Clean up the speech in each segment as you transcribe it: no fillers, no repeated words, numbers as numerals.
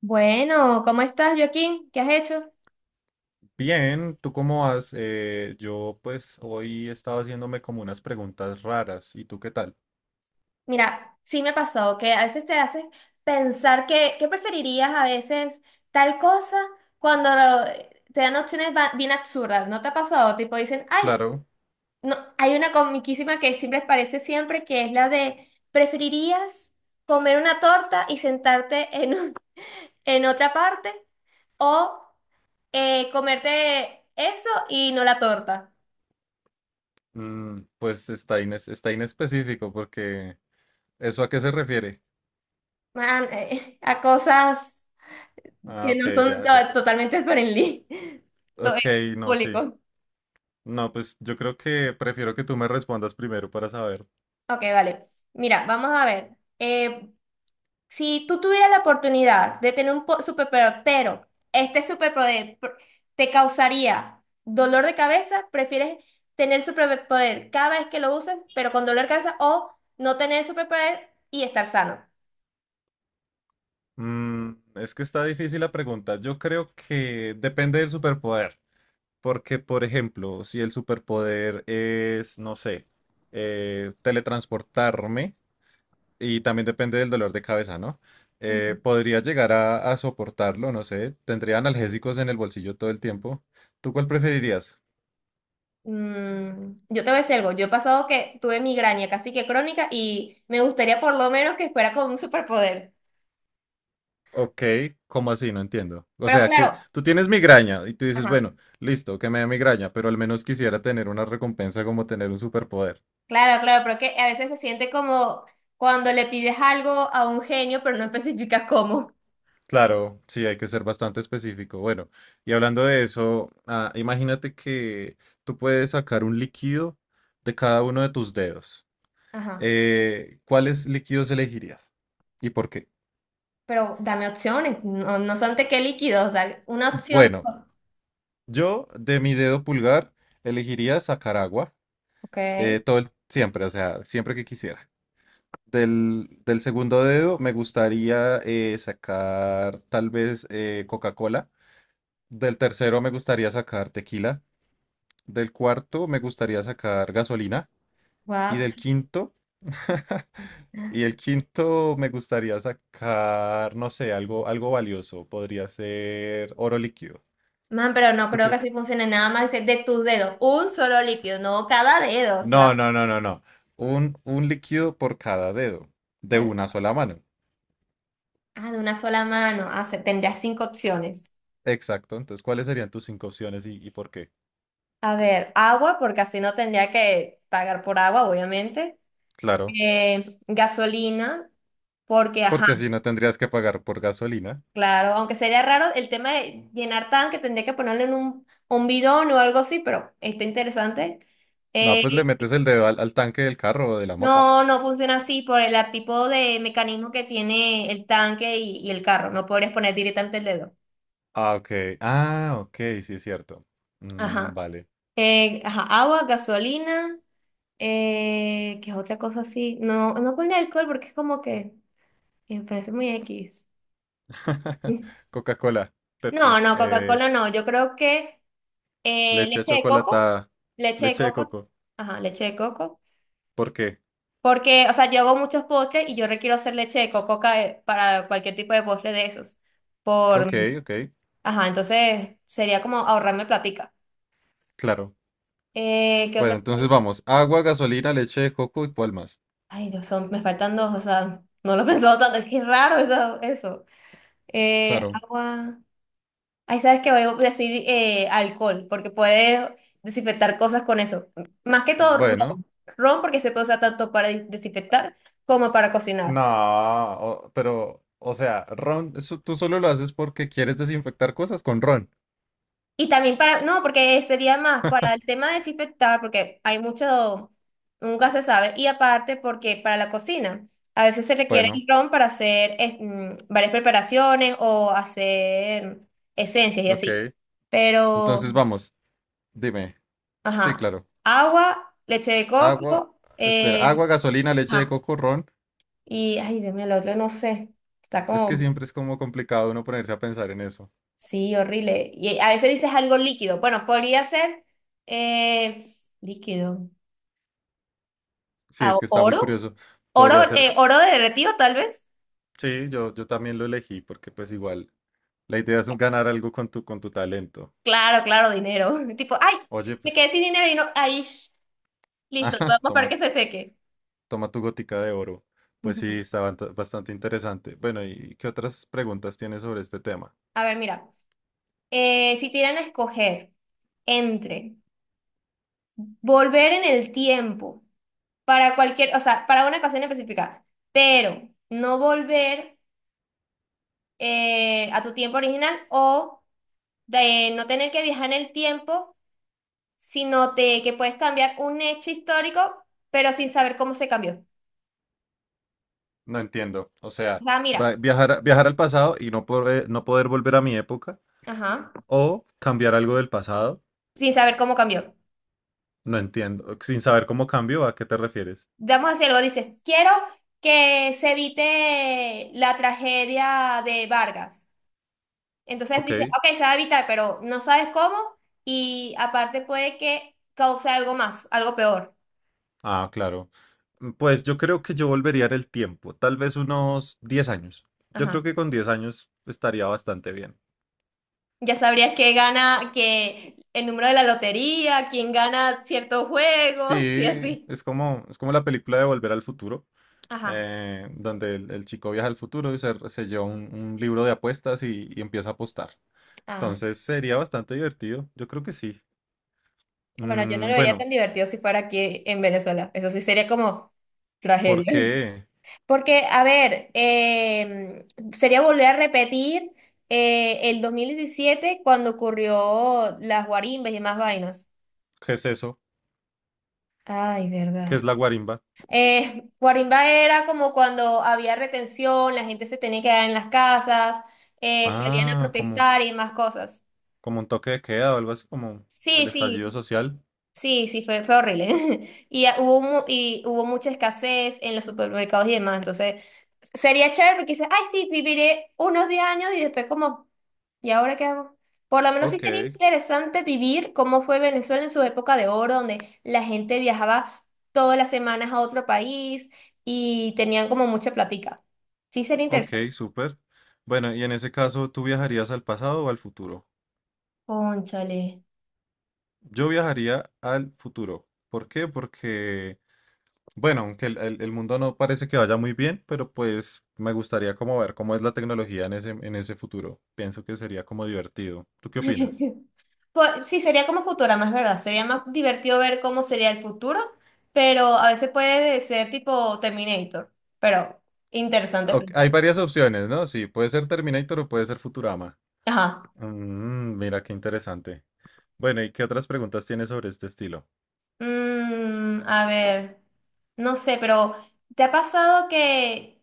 Bueno, ¿cómo estás, Joaquín? ¿Qué has hecho? Bien, ¿tú cómo vas? Yo pues hoy he estado haciéndome como unas preguntas raras. ¿Y tú qué tal? Mira, sí me ha pasado que a veces te haces pensar que, ¿qué preferirías a veces tal cosa cuando lo- te dan opciones bien absurdas? ¿No te ha pasado? Tipo dicen, ay, Claro, no, hay una comiquísima que siempre aparece siempre que es la de ¿preferirías comer una torta y sentarte en otra parte o comerte eso y no la torta? Pues está inespecífico porque ¿eso a qué se refiere? Man, a cosas Ah, que ok, no son ya, ya. Totalmente friendly, todo es Ok, no, sí. público. No, pues yo creo que prefiero que tú me respondas primero para saber. Ok, vale. Mira, vamos a ver. Eh, si tú tuvieras la oportunidad de tener un superpoder, pero este superpoder te causaría dolor de cabeza, ¿prefieres tener superpoder cada vez que lo uses, pero con dolor de cabeza, o no tener superpoder y estar sano? Es que está difícil la pregunta. Yo creo que depende del superpoder. Porque, por ejemplo, si el superpoder es, no sé, teletransportarme. Y también depende del dolor de cabeza, ¿no? Ujú. Podría llegar a soportarlo, no sé. Tendría analgésicos en el bolsillo todo el tiempo. ¿Tú cuál preferirías? Mm, yo te voy a decir algo, yo he pasado que tuve migraña casi que crónica y me gustaría por lo menos que fuera con un superpoder. Ok, ¿cómo así? No entiendo. O Pero sea, claro, que tú tienes migraña y tú dices, ajá, bueno, listo, que me dé migraña, pero al menos quisiera tener una recompensa como tener un superpoder. claro, claro, pero que a veces se siente como cuando le pides algo a un genio, pero no especificas cómo. Claro, sí, hay que ser bastante específico. Bueno, y hablando de eso, imagínate que tú puedes sacar un líquido de cada uno de tus dedos. Ajá, ¿Cuáles líquidos elegirías? ¿Y por qué? pero dame opciones, no, no son tequé líquido, o sea, una opción. Bueno, yo de mi dedo pulgar elegiría sacar agua, Ok, siempre, o sea, siempre que quisiera. Del segundo dedo me gustaría, sacar tal vez, Coca-Cola. Del tercero me gustaría sacar tequila. Del cuarto me gustaría sacar gasolina. Y what? del quinto, y el quinto me gustaría sacar, no sé, algo valioso. Podría ser oro líquido. Man, pero no ¿Tú creo que qué? así funcione, nada más dice, de tus dedos, un solo líquido, no cada dedo, o sea, No, no, no, no, no. Un líquido por cada dedo, de ah, una sola mano. ah, de una sola mano, ah, tendría cinco opciones. Exacto. Entonces, ¿cuáles serían tus cinco opciones y por qué? A ver, agua, porque así no tendría que pagar por agua, obviamente. Claro, Gasolina. Porque, ajá, porque así no tendrías que pagar por gasolina. claro, aunque sería raro el tema de llenar tanque, tendría que ponerlo en un bidón o algo así, pero está interesante. No, Eh, pues le metes el dedo al tanque del carro o de la moto. no, no funciona así por el tipo de mecanismo que tiene el tanque y el carro. No podrías poner directamente el dedo. Ah, ok. Ah, ok, sí es cierto. Mm, Ajá. vale. Ajá, agua, gasolina, ¿qué es otra cosa así? No, no pone alcohol porque es como que me parece muy X. Coca-Cola, No, Pepsi, no, Coca-Cola no. Yo creo que eh, leche chocolatada, leche de leche de coco, coco. ajá, leche de coco. ¿Por qué? Porque, o sea, yo hago muchos postres y yo requiero hacer leche de coco, para cualquier tipo de postre de esos. Por, Ok, ok, ajá, entonces sería como ahorrarme platica. claro. ¿Qué Bueno, otra cosa? entonces vamos. Agua, gasolina, leche de coco, ¿y cuál más? Ay, Dios, son, me faltan dos, o sea, no lo he pensado tanto, es que es raro eso, eso. Claro. Agua. Ahí sabes que voy a decir alcohol, porque puedes desinfectar cosas con eso. Más que todo Bueno. ron. Ron porque se puede usar tanto para desinfectar como para cocinar. No, pero, o sea, ron, eso tú solo lo haces porque quieres desinfectar cosas con ron. Y también para, no, porque sería más para el tema de desinfectar, porque hay mucho, nunca se sabe. Y aparte porque para la cocina, a veces se requiere el Bueno, ron para hacer varias preparaciones o hacer esencias y así. ok. Pero, Entonces vamos. Dime. Sí, ajá, claro. agua, leche de Agua, coco, espera, agua, gasolina, leche de ajá. coco, ron. Y, ay, Dios mío, el otro no sé. Está Es que como, siempre es como complicado uno ponerse a pensar en eso. sí, horrible. Y a veces dices algo líquido. Bueno, podría ser eh, líquido. Sí, Ah, es que está muy oro. curioso. Oro, Podría ser, oro derretido, tal vez. sí, yo también lo elegí porque pues igual la idea es ganar algo con tu talento. Claro, claro, dinero. Tipo, ay, Oye, me pues, quedé sin dinero y no. Ay, listo, ajá, vamos para toma, que se seque. toma tu gótica de oro. Pues sí, Ujú. está bastante interesante. Bueno, ¿y qué otras preguntas tienes sobre este tema? A ver, mira. Eh, si te dieran a escoger entre volver en el tiempo para cualquier, o sea, para una ocasión específica, pero no volver a tu tiempo original o de no tener que viajar en el tiempo, sino te, que puedes cambiar un hecho histórico, pero sin saber cómo se cambió. No entiendo. O O sea, sea, mira, viajar, viajar al pasado y no poder volver a mi época ajá, o cambiar algo del pasado. sin saber cómo cambió. No entiendo. Sin saber cómo cambio, ¿a qué te refieres? Vamos a hacer algo, dices, quiero que se evite la tragedia de Vargas. Entonces Ok. dices, ok, se va a evitar, pero no sabes cómo y aparte puede que cause algo más, algo peor. Ah, claro. Pues yo creo que yo volvería en el tiempo, tal vez unos 10 años. Yo Ajá. creo que con 10 años estaría bastante bien. Ya sabrías que gana, que el número de la lotería, quién gana ciertos juegos y Sí, así. es como, la película de Volver al Futuro, Ajá. Donde el chico viaja al futuro y se lleva un libro de apuestas y empieza a apostar. Ah, Entonces sería bastante divertido, yo creo que sí. bueno, yo no Mm, lo vería tan bueno, divertido si fuera aquí en Venezuela. Eso sí sería como ¿por tragedia. qué? Porque, a ver, sería volver a repetir el 2017 cuando ocurrió las guarimbas y más vainas. ¿Qué es eso? Ay, verdad. ¿Qué es la guarimba? Guarimba era como cuando había retención, la gente se tenía que quedar en las casas, salían a Ah, como, protestar y más cosas. como un toque de queda o algo así, como Sí, el sí, estallido social. sí, sí, fue, fue horrible. Y ah, hubo, y hubo mucha escasez en los supermercados y demás. Entonces, sería chévere porque dices, ay, sí, viviré unos 10 años y después como, ¿y ahora qué hago? Por lo menos sí Ok, sería interesante vivir cómo fue Venezuela en su época de oro, donde la gente viajaba todas las semanas a otro país y tenían como mucha plática. Sí, sería ok, interesante. súper. Bueno, y en ese caso, ¿tú viajarías al pasado o al futuro? Cónchale. Yo viajaría al futuro. ¿Por qué? Porque, bueno, aunque el mundo no parece que vaya muy bien, pero pues me gustaría como ver cómo es la tecnología en ese futuro. Pienso que sería como divertido. ¿Tú qué opinas? Pues, sí, sería como Futurama, es verdad. Sería más divertido ver cómo sería el futuro, pero a veces puede ser tipo Terminator. Pero interesante Ok, hay pensar. varias opciones, ¿no? Sí, puede ser Terminator o puede ser Futurama. Ajá. Mira, qué interesante. Bueno, ¿y qué otras preguntas tienes sobre este estilo? Mm, a ver. No sé, pero ¿te ha pasado que...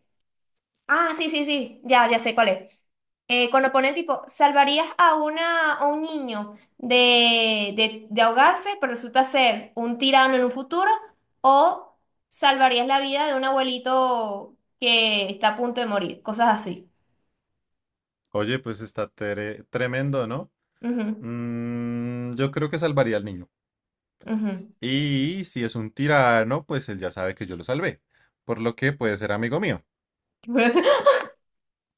Ah, sí, sí, sí. Ya, ya sé cuál es. Cuando ponen tipo, salvarías a una, a un niño de ahogarse, pero resulta ser un tirano en un futuro, o salvarías la vida de un abuelito que está a punto de morir, cosas así. Oye, pues está tremendo, ¿no? Ujú, Yo creo que salvaría al niño. ujú. Y si es un tirano, pues él ya sabe que yo lo salvé, por lo que puede ser amigo mío.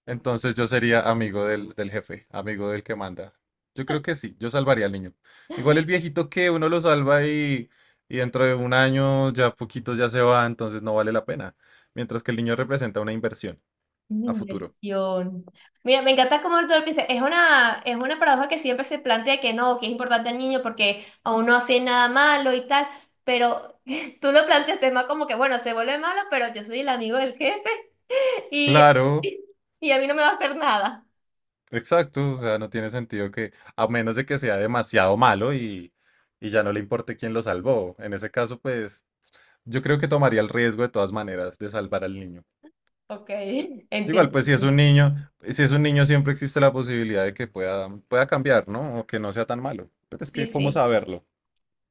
Entonces yo sería amigo del jefe, amigo del que manda. Yo creo que sí, yo salvaría al niño. Igual el viejito que uno lo salva y dentro de un año ya poquitos ya se va, entonces no vale la pena. Mientras que el niño representa una inversión Una a futuro. inversión. Mira, me encanta cómo tú lo piensas. Es una paradoja que siempre se plantea que no, que es importante al niño porque aún no hace nada malo y tal, pero tú lo planteas más como que, bueno, se vuelve malo, pero yo soy el amigo del jefe y, Claro, y a mí no me va a hacer nada. exacto, o sea, no tiene sentido que, a menos de que sea demasiado malo y ya no le importe quién lo salvó. En ese caso, pues, yo creo que tomaría el riesgo de todas maneras de salvar al niño. Ok, Igual, entiendo. pues, si es un niño, siempre existe la posibilidad de que pueda cambiar, ¿no? O que no sea tan malo. Pero es Sí, que, ¿cómo sí. saberlo?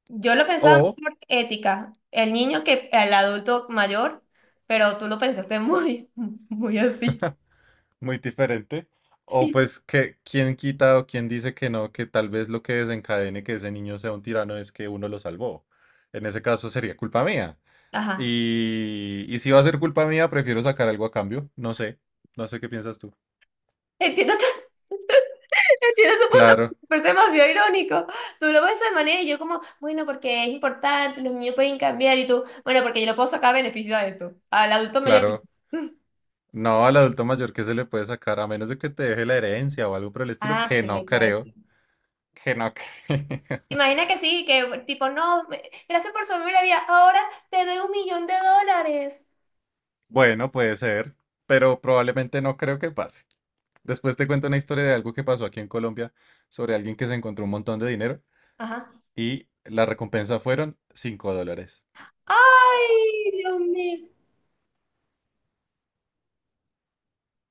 Yo lo pensaba más O por ética, el niño que el adulto mayor, pero tú lo pensaste muy, muy así. muy diferente. O Sí. pues que quién quita o quién dice que no, que tal vez lo que desencadene que ese niño sea un tirano es que uno lo salvó. En ese caso sería culpa mía. Ajá. Y si va a ser culpa mía, prefiero sacar algo a cambio. No sé, qué piensas tú. Entiendo tu, entiendo tu punto, Claro, pero es demasiado irónico. Tú lo ves de manera y yo como, bueno, porque es importante, los niños pueden cambiar y tú, bueno, porque yo lo puedo sacar beneficio de esto. Al adulto mayor. claro. No, al adulto mayor que se le puede sacar, a menos de que te deje la herencia o algo por el estilo, Ah, que no sí, pues. creo, que no creo. Imagina que sí, que tipo, no, gracias por salvarme la vida, ahora te doy $1,000,000. Bueno, puede ser, pero probablemente no creo que pase. Después te cuento una historia de algo que pasó aquí en Colombia sobre alguien que se encontró un montón de dinero Ajá. y la recompensa fueron $5. Ay, Dios mío.